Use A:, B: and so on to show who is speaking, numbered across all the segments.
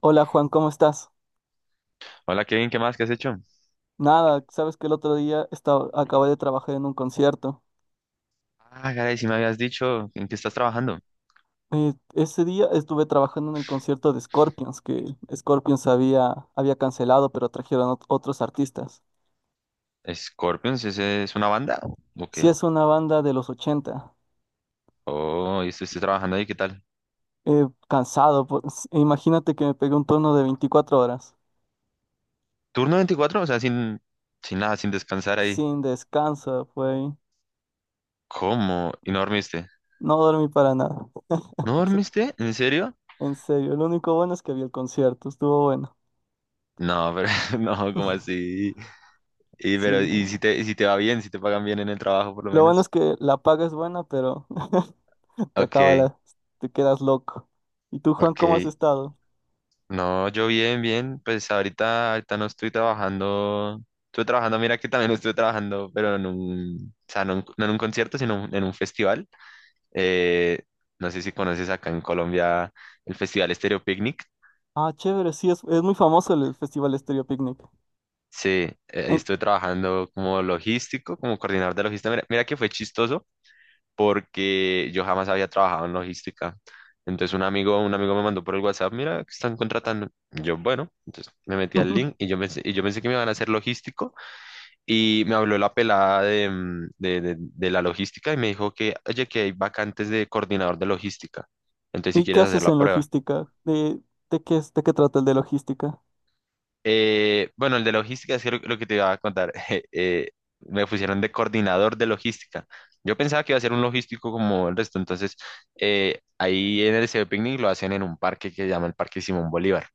A: Hola Juan, ¿cómo estás?
B: Hola Kevin, ¿qué más? ¿Qué has hecho?
A: Nada, sabes que el otro día acabé de trabajar en un concierto.
B: Ah, caray, si me habías dicho en qué estás trabajando.
A: Ese día estuve trabajando en el concierto de Scorpions, que Scorpions había cancelado, pero trajeron otros artistas.
B: ¿Scorpions? ¿Ese es una banda? ¿O qué?
A: Si es una banda de los 80.
B: Oh, y estoy trabajando ahí, ¿qué tal?
A: Cansado, pues, e imagínate que me pegué un turno de 24 horas,
B: ¿Turno 24? O sea, sin nada, sin descansar ahí.
A: sin descanso, fue.
B: ¿Cómo? ¿Y no dormiste?
A: No dormí para nada.
B: ¿No
A: Se-
B: dormiste? ¿En serio?
A: En serio, lo único bueno es que había el concierto, estuvo bueno.
B: No, pero no, ¿cómo así? Y pero,
A: Sí.
B: y si te va bien, si te pagan bien en el trabajo por lo
A: Lo bueno es
B: menos.
A: que la paga es buena, pero te acaba
B: Ok,
A: la, te quedas loco. ¿Y tú, Juan, cómo has
B: ok.
A: estado?
B: No, yo bien, bien. Pues ahorita no estoy trabajando. Estuve trabajando, mira que también estuve trabajando, pero en un, o sea, no, en no en un concierto, sino en un festival. Eh, no sé si conoces acá en Colombia el Festival Estéreo Picnic.
A: Ah, chévere, sí, es muy famoso el Festival Estéreo Picnic.
B: Sí, ahí
A: En-
B: estuve trabajando como logístico, como coordinador de logística. Mira que fue chistoso porque yo jamás había trabajado en logística. Entonces un amigo me mandó por el WhatsApp, mira, que están contratando. Yo, bueno, entonces me metí al link y yo pensé que me iban a hacer logístico. Y me habló la pelada de, mm, de la logística y me dijo que, oye, que hay vacantes de coordinador de logística. Entonces, si
A: ¿Y qué
B: quieres hacer
A: haces
B: la
A: en
B: prueba.
A: logística? ¿De qué trata el de logística?
B: Bueno, el de logística es que lo que te iba a contar. Me pusieron de coordinador de logística. Yo pensaba que iba a ser un logístico como el resto. Entonces, ahí en el Liceo de Picnic lo hacen en un parque que se llama el Parque Simón Bolívar.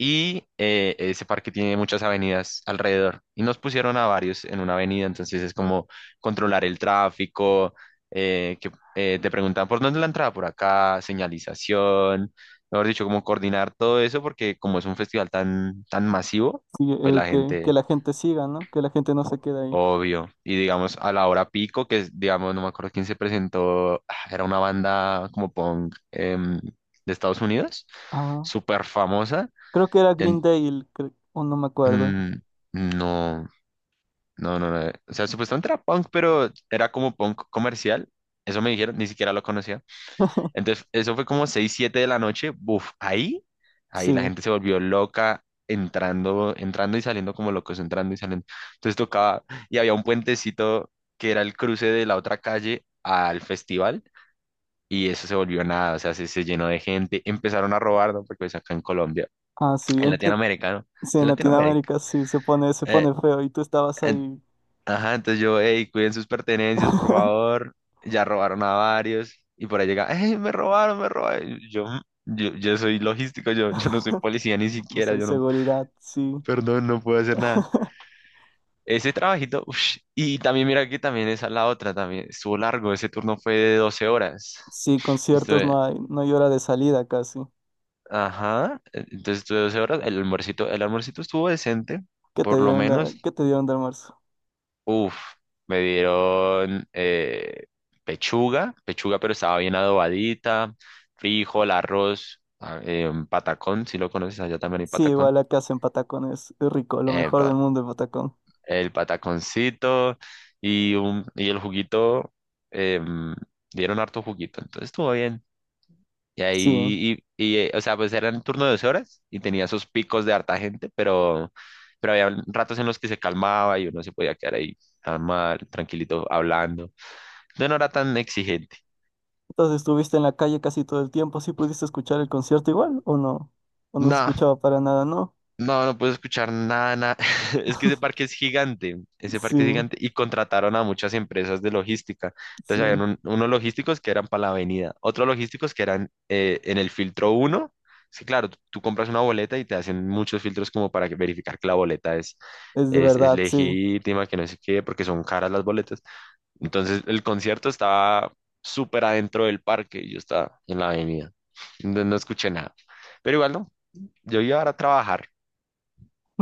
B: Y ese parque tiene muchas avenidas alrededor. Y nos pusieron a varios en una avenida, entonces es como controlar el tráfico, que te preguntan por dónde es la entrada, por acá, señalización, mejor dicho, como coordinar todo eso, porque como es un festival tan, tan masivo,
A: Sí,
B: pues la
A: que
B: gente,
A: la gente siga, ¿no? Que la gente no se quede ahí.
B: obvio. Y digamos, a la hora pico, que es, digamos, no me acuerdo quién se presentó, ah, era una banda como punk de Estados Unidos,
A: Ah,
B: súper famosa.
A: creo que era Green Day, o no me acuerdo.
B: Mm, no, no, no, no. O sea, supuestamente era punk, pero era como punk comercial. Eso me dijeron, ni siquiera lo conocía. Entonces, eso fue como 6 7 de la noche. Buf, ahí la
A: Sí,
B: gente se volvió loca, entrando y saliendo como locos, entrando y saliendo. Entonces tocaba, y había un puentecito que era el cruce de la otra calle al festival. Y eso se volvió nada, o sea, se llenó de gente. Empezaron a robar, ¿no? Porque pues acá en Colombia,
A: ah, sí,
B: en Latinoamérica, ¿no?
A: sí, en
B: En Latinoamérica.
A: Latinoamérica sí, se pone
B: eh,
A: feo y tú estabas ahí.
B: Ajá, entonces yo, hey, cuiden sus pertenencias, por favor. Ya robaron a varios. Y por ahí llega, hey, me robaron, me robaron. Y yo, "Mm, yo soy logístico, yo no soy policía ni
A: No
B: siquiera,
A: soy
B: yo no,
A: seguridad, sí.
B: perdón, no puedo hacer nada." Ese trabajito, ush, y también mira que también esa es la otra, también estuvo largo, ese turno fue de 12 horas.
A: Sí, conciertos
B: Estuve,
A: no hay, no hay hora de salida casi.
B: ajá, entonces estuve 12 horas, el almuercito estuvo decente,
A: ¿Qué te
B: por lo
A: dio onda?
B: menos.
A: ¿Qué te dio onda, almuerzo?
B: Uf, me dieron pechuga, pechuga pero estaba bien adobadita, frijol, arroz, ah, un patacón, si lo conoces, allá también hay
A: Sí, igual
B: patacón.
A: la casa en Patacón es rico, lo mejor
B: Epa,
A: del mundo en Patacón.
B: el pataconcito y el juguito, em, dieron harto juguito, entonces estuvo bien. Y
A: Sí. ¿Eh?
B: ahí, o sea, pues era el turno de 2 horas y tenía esos picos de harta gente, pero, había ratos en los que se calmaba y uno se podía quedar ahí, normal, tranquilito, hablando. Yo no era tan exigente.
A: Entonces estuviste en la calle casi todo el tiempo, ¿sí pudiste escuchar el concierto igual o no? ¿O no se
B: No,
A: escuchaba para nada, no?
B: no, no puedo escuchar nada, nada. Es que ese parque es gigante, ese
A: Sí,
B: parque es gigante y contrataron a muchas empresas de logística.
A: sí,
B: Entonces habían unos logísticos que eran para la avenida, otros logísticos que eran en el filtro uno. Es que claro, tú compras una boleta y te hacen muchos filtros como para que- verificar que la boleta es,
A: es de
B: es, es
A: verdad, sí.
B: legítima, que no sé qué, porque son caras las boletas. Entonces el concierto estaba súper adentro del parque y yo estaba en la avenida. Entonces no escuché nada. Pero igual no, yo iba ahora a trabajar.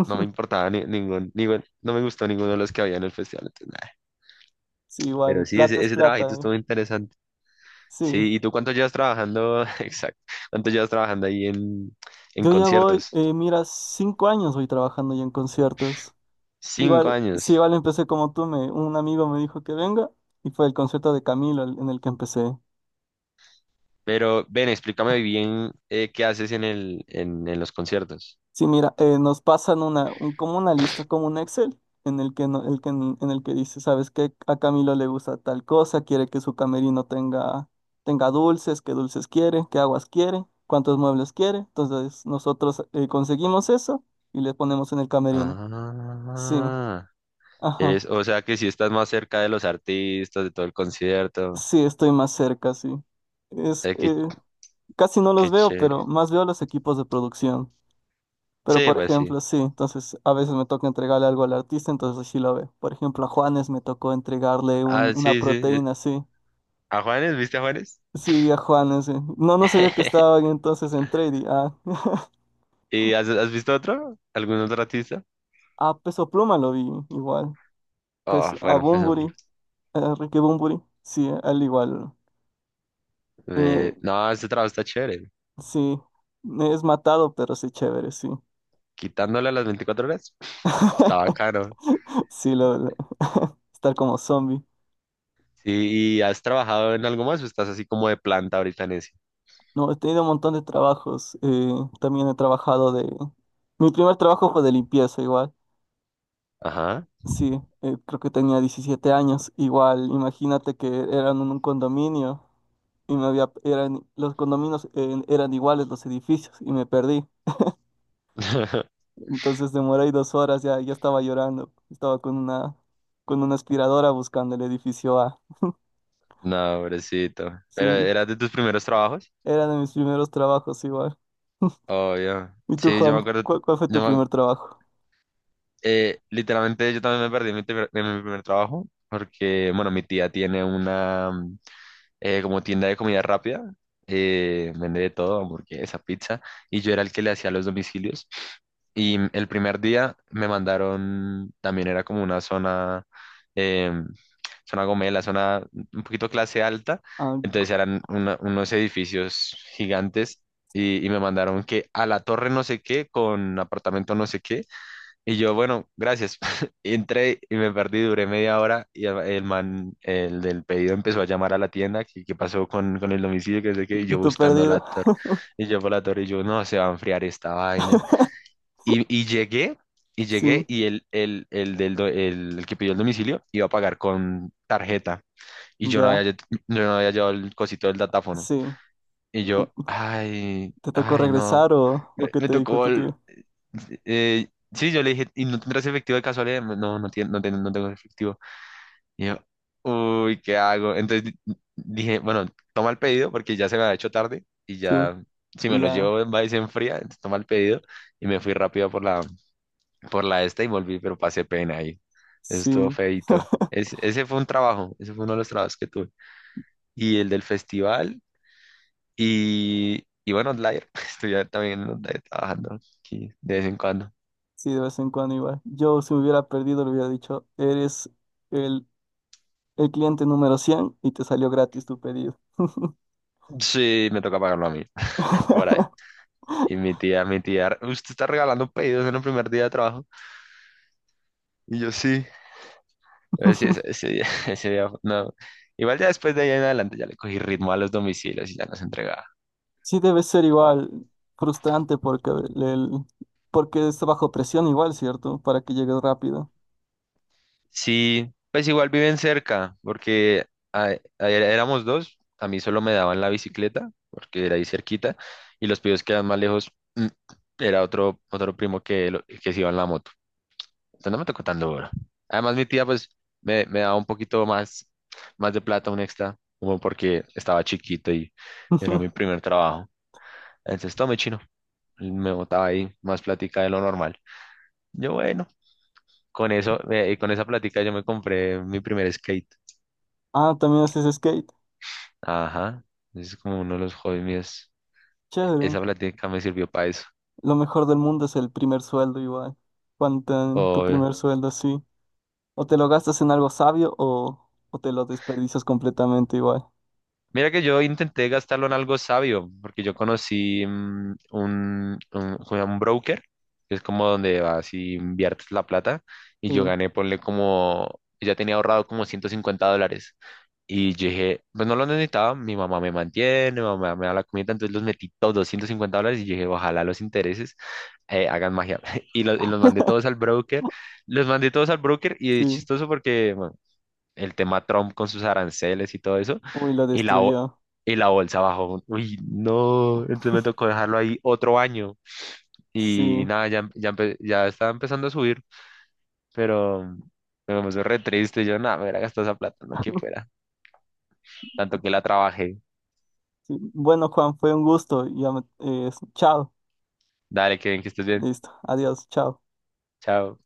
B: No me importaba, no me gustó ninguno de los que había en el festival. Entonces, nada.
A: Sí,
B: Pero
A: igual,
B: sí,
A: plata
B: ese,
A: es
B: ese
A: plata,
B: trabajito
A: ¿eh?
B: estuvo interesante.
A: Sí.
B: Sí, ¿y tú cuánto llevas trabajando? Exacto. ¿Cuánto llevas trabajando ahí en
A: Yo ya voy,
B: conciertos?
A: mira, 5 años voy trabajando ya en conciertos.
B: Cinco
A: Igual,
B: años.
A: sí, igual empecé como tú, me, un amigo me dijo que venga y fue el concierto de Camilo en el que empecé.
B: Pero ven, explícame bien qué haces en los conciertos.
A: Sí, mira, nos pasan como una lista, como un Excel, en el que, no- el que, en el que dice, ¿sabes qué? A Camilo le gusta tal cosa, quiere que su camerino tenga dulces, qué dulces quiere, qué aguas quiere, cuántos muebles quiere. Entonces nosotros conseguimos eso y le ponemos en el camerino. Sí,
B: Ah. Eres,
A: ajá,
B: o sea que si estás más cerca de los artistas, de todo el concierto.
A: sí, estoy más cerca, sí. Es,
B: Eh, qué,
A: eh, Casi no
B: qué
A: los veo,
B: chévere.
A: pero más veo los equipos de producción. Pero
B: Sí,
A: por
B: pues sí.
A: ejemplo, sí, entonces a veces me toca entregarle algo al artista, entonces sí lo ve. Por ejemplo, a Juanes me tocó entregarle un,
B: Ah,
A: una
B: sí, sí.
A: proteína, sí.
B: ¿A Juanes? ¿Viste a Juanes?
A: Sí, vi a Juanes, sí. No, no sabía que estaba ahí entonces entré y di, ah.
B: ¿Y has visto otro? ¿Algún otro artista?
A: A Peso Pluma lo vi igual.
B: Oh,
A: Pues a
B: bueno, pues
A: Bunbury, a Ricky Bunbury, sí, a él igual. Me-
B: no, este trabajo está chévere.
A: sí, me es matado, pero sí chévere, sí.
B: Quitándole las 24 horas, está bacano.
A: Sí, estar como zombie.
B: Sí, ¿y has trabajado en algo más o estás así como de planta ahorita en eso?
A: No, he tenido un montón de trabajos. Eh, también he trabajado de... Mi primer trabajo fue de limpieza igual.
B: Ajá.
A: Sí, creo que tenía 17 años. Igual, imagínate que eran en un condominio y los condominios eran iguales los edificios y me perdí. Entonces demoré ahí 2 horas, ya, ya estaba llorando. Estaba con una aspiradora buscando el edificio A.
B: No, pobrecito. ¿Pero
A: Sí,
B: era de tus primeros trabajos?
A: era de mis primeros trabajos igual.
B: Obvio.
A: ¿Y tú,
B: Sí, yo
A: Juan?
B: me acuerdo,
A: ¿Cuál fue tu
B: yo me,
A: primer trabajo?
B: literalmente yo también me perdí en mi primer trabajo porque, bueno, mi tía tiene una como tienda de comida rápida, vende de todo, hamburguesa, pizza, y yo era el que le hacía los domicilios. Y el primer día me mandaron, también era como una zona, em, zona gomela, zona un poquito clase alta,
A: Ah,
B: entonces eran unos edificios gigantes y me mandaron que a la torre no sé qué, con apartamento no sé qué, y yo, bueno, gracias. Entré y me perdí, duré media hora y el man, el del pedido empezó a llamar a la tienda, que qué pasó con el domicilio, que no sé qué, y
A: ¿y
B: yo
A: tu
B: buscando la
A: perdida?
B: torre, y yo por la torre, y yo, no, se va a enfriar esta vaina. Y llegué, y
A: Sí.
B: llegué, y el que pidió el domicilio iba a pagar con tarjeta, y
A: Ya,
B: yo no había llevado el cosito del datáfono.
A: sí.
B: Y yo, ay,
A: ¿Te tocó
B: ay, no.
A: regresar o
B: Me
A: qué
B: me
A: te dijo
B: tocó,
A: tu tío?
B: sí, yo le dije, ¿y no tendrás efectivo de casualidad? No, no, no, no tengo efectivo. Y yo, uy, ¿qué hago? Entonces dije, bueno, toma el pedido porque ya se me ha hecho tarde y
A: Sí,
B: ya, si me
A: y
B: lo
A: ya,
B: llevo en va y se enfría, entonces toma el pedido y me fui rápido por la esta y volví, pero pasé pena ahí. Eso
A: sí.
B: estuvo feíto. Es- ese fue un trabajo, ese fue uno de los trabajos que tuve. Y el del festival y bueno, Outlier, estoy ya también en Outlier trabajando aquí de vez en cuando.
A: Sí, de vez en cuando igual. Yo si me hubiera perdido le hubiera dicho, eres el, el cliente número 100 y te salió gratis tu pedido.
B: Sí, me toca pagarlo a mí. Por ahí. Y mi tía, usted está regalando pedidos en el primer día de trabajo. Y yo sí. Pero sí, ese día, ese día, no. Igual ya después de ahí en adelante ya le cogí ritmo a los domicilios y ya los entregaba.
A: Sí, debe ser
B: Wow.
A: igual frustrante porque, porque está bajo presión igual, ¿cierto? Para que llegues rápido.
B: Sí, pues igual viven cerca, porque ayer éramos dos, a mí solo me daban la bicicleta, porque era ahí cerquita, y los pedidos quedan más lejos. Era otro primo que, que se iba en la moto. Entonces no me tocó tan duro. Además, mi tía, pues, me daba un poquito más, más de plata, un extra, como porque estaba chiquito y era mi primer trabajo. Entonces, tome chino. Me botaba ahí más plática de lo normal. Yo, bueno, con eso, y con esa plática yo me compré mi primer skate.
A: Ah, también haces skate.
B: Ajá. Es como uno de los hobbies míos.
A: Chévere.
B: Esa plática me sirvió para eso.
A: Lo mejor del mundo es el primer sueldo igual. Cuando te dan tu
B: O
A: primer sueldo, sí. O te lo gastas en algo sabio o te lo desperdicias completamente igual.
B: Mira que yo intenté gastarlo en algo sabio, porque yo conocí como un broker, que es como donde vas y inviertes la plata, y
A: Sí,
B: yo gané, ponle como, ya tenía ahorrado como $150. Y yo dije, pues no lo necesitaba, mi mamá me mantiene, mi mamá me da la comida, entonces los metí todos, $250, y yo dije, ojalá los intereses hagan magia. Y los mandé todos al broker, los mandé todos al broker, y es
A: sí.
B: chistoso porque, bueno, el tema Trump con sus aranceles y todo eso,
A: Uy, lo
B: y la, bo-
A: destruyó.
B: y la bolsa bajó. Uy, no, entonces me tocó dejarlo ahí otro año
A: Sí,
B: y nada, ya estaba empezando a subir, pero pero me puso re triste. Yo, nada, me hubiera gastado esa plata, no que fuera, tanto que la trabajé.
A: sí. Bueno, Juan, fue un gusto. Ya chao.
B: Dale, que bien, que estés bien.
A: Listo. Adiós. Chao.
B: Chao.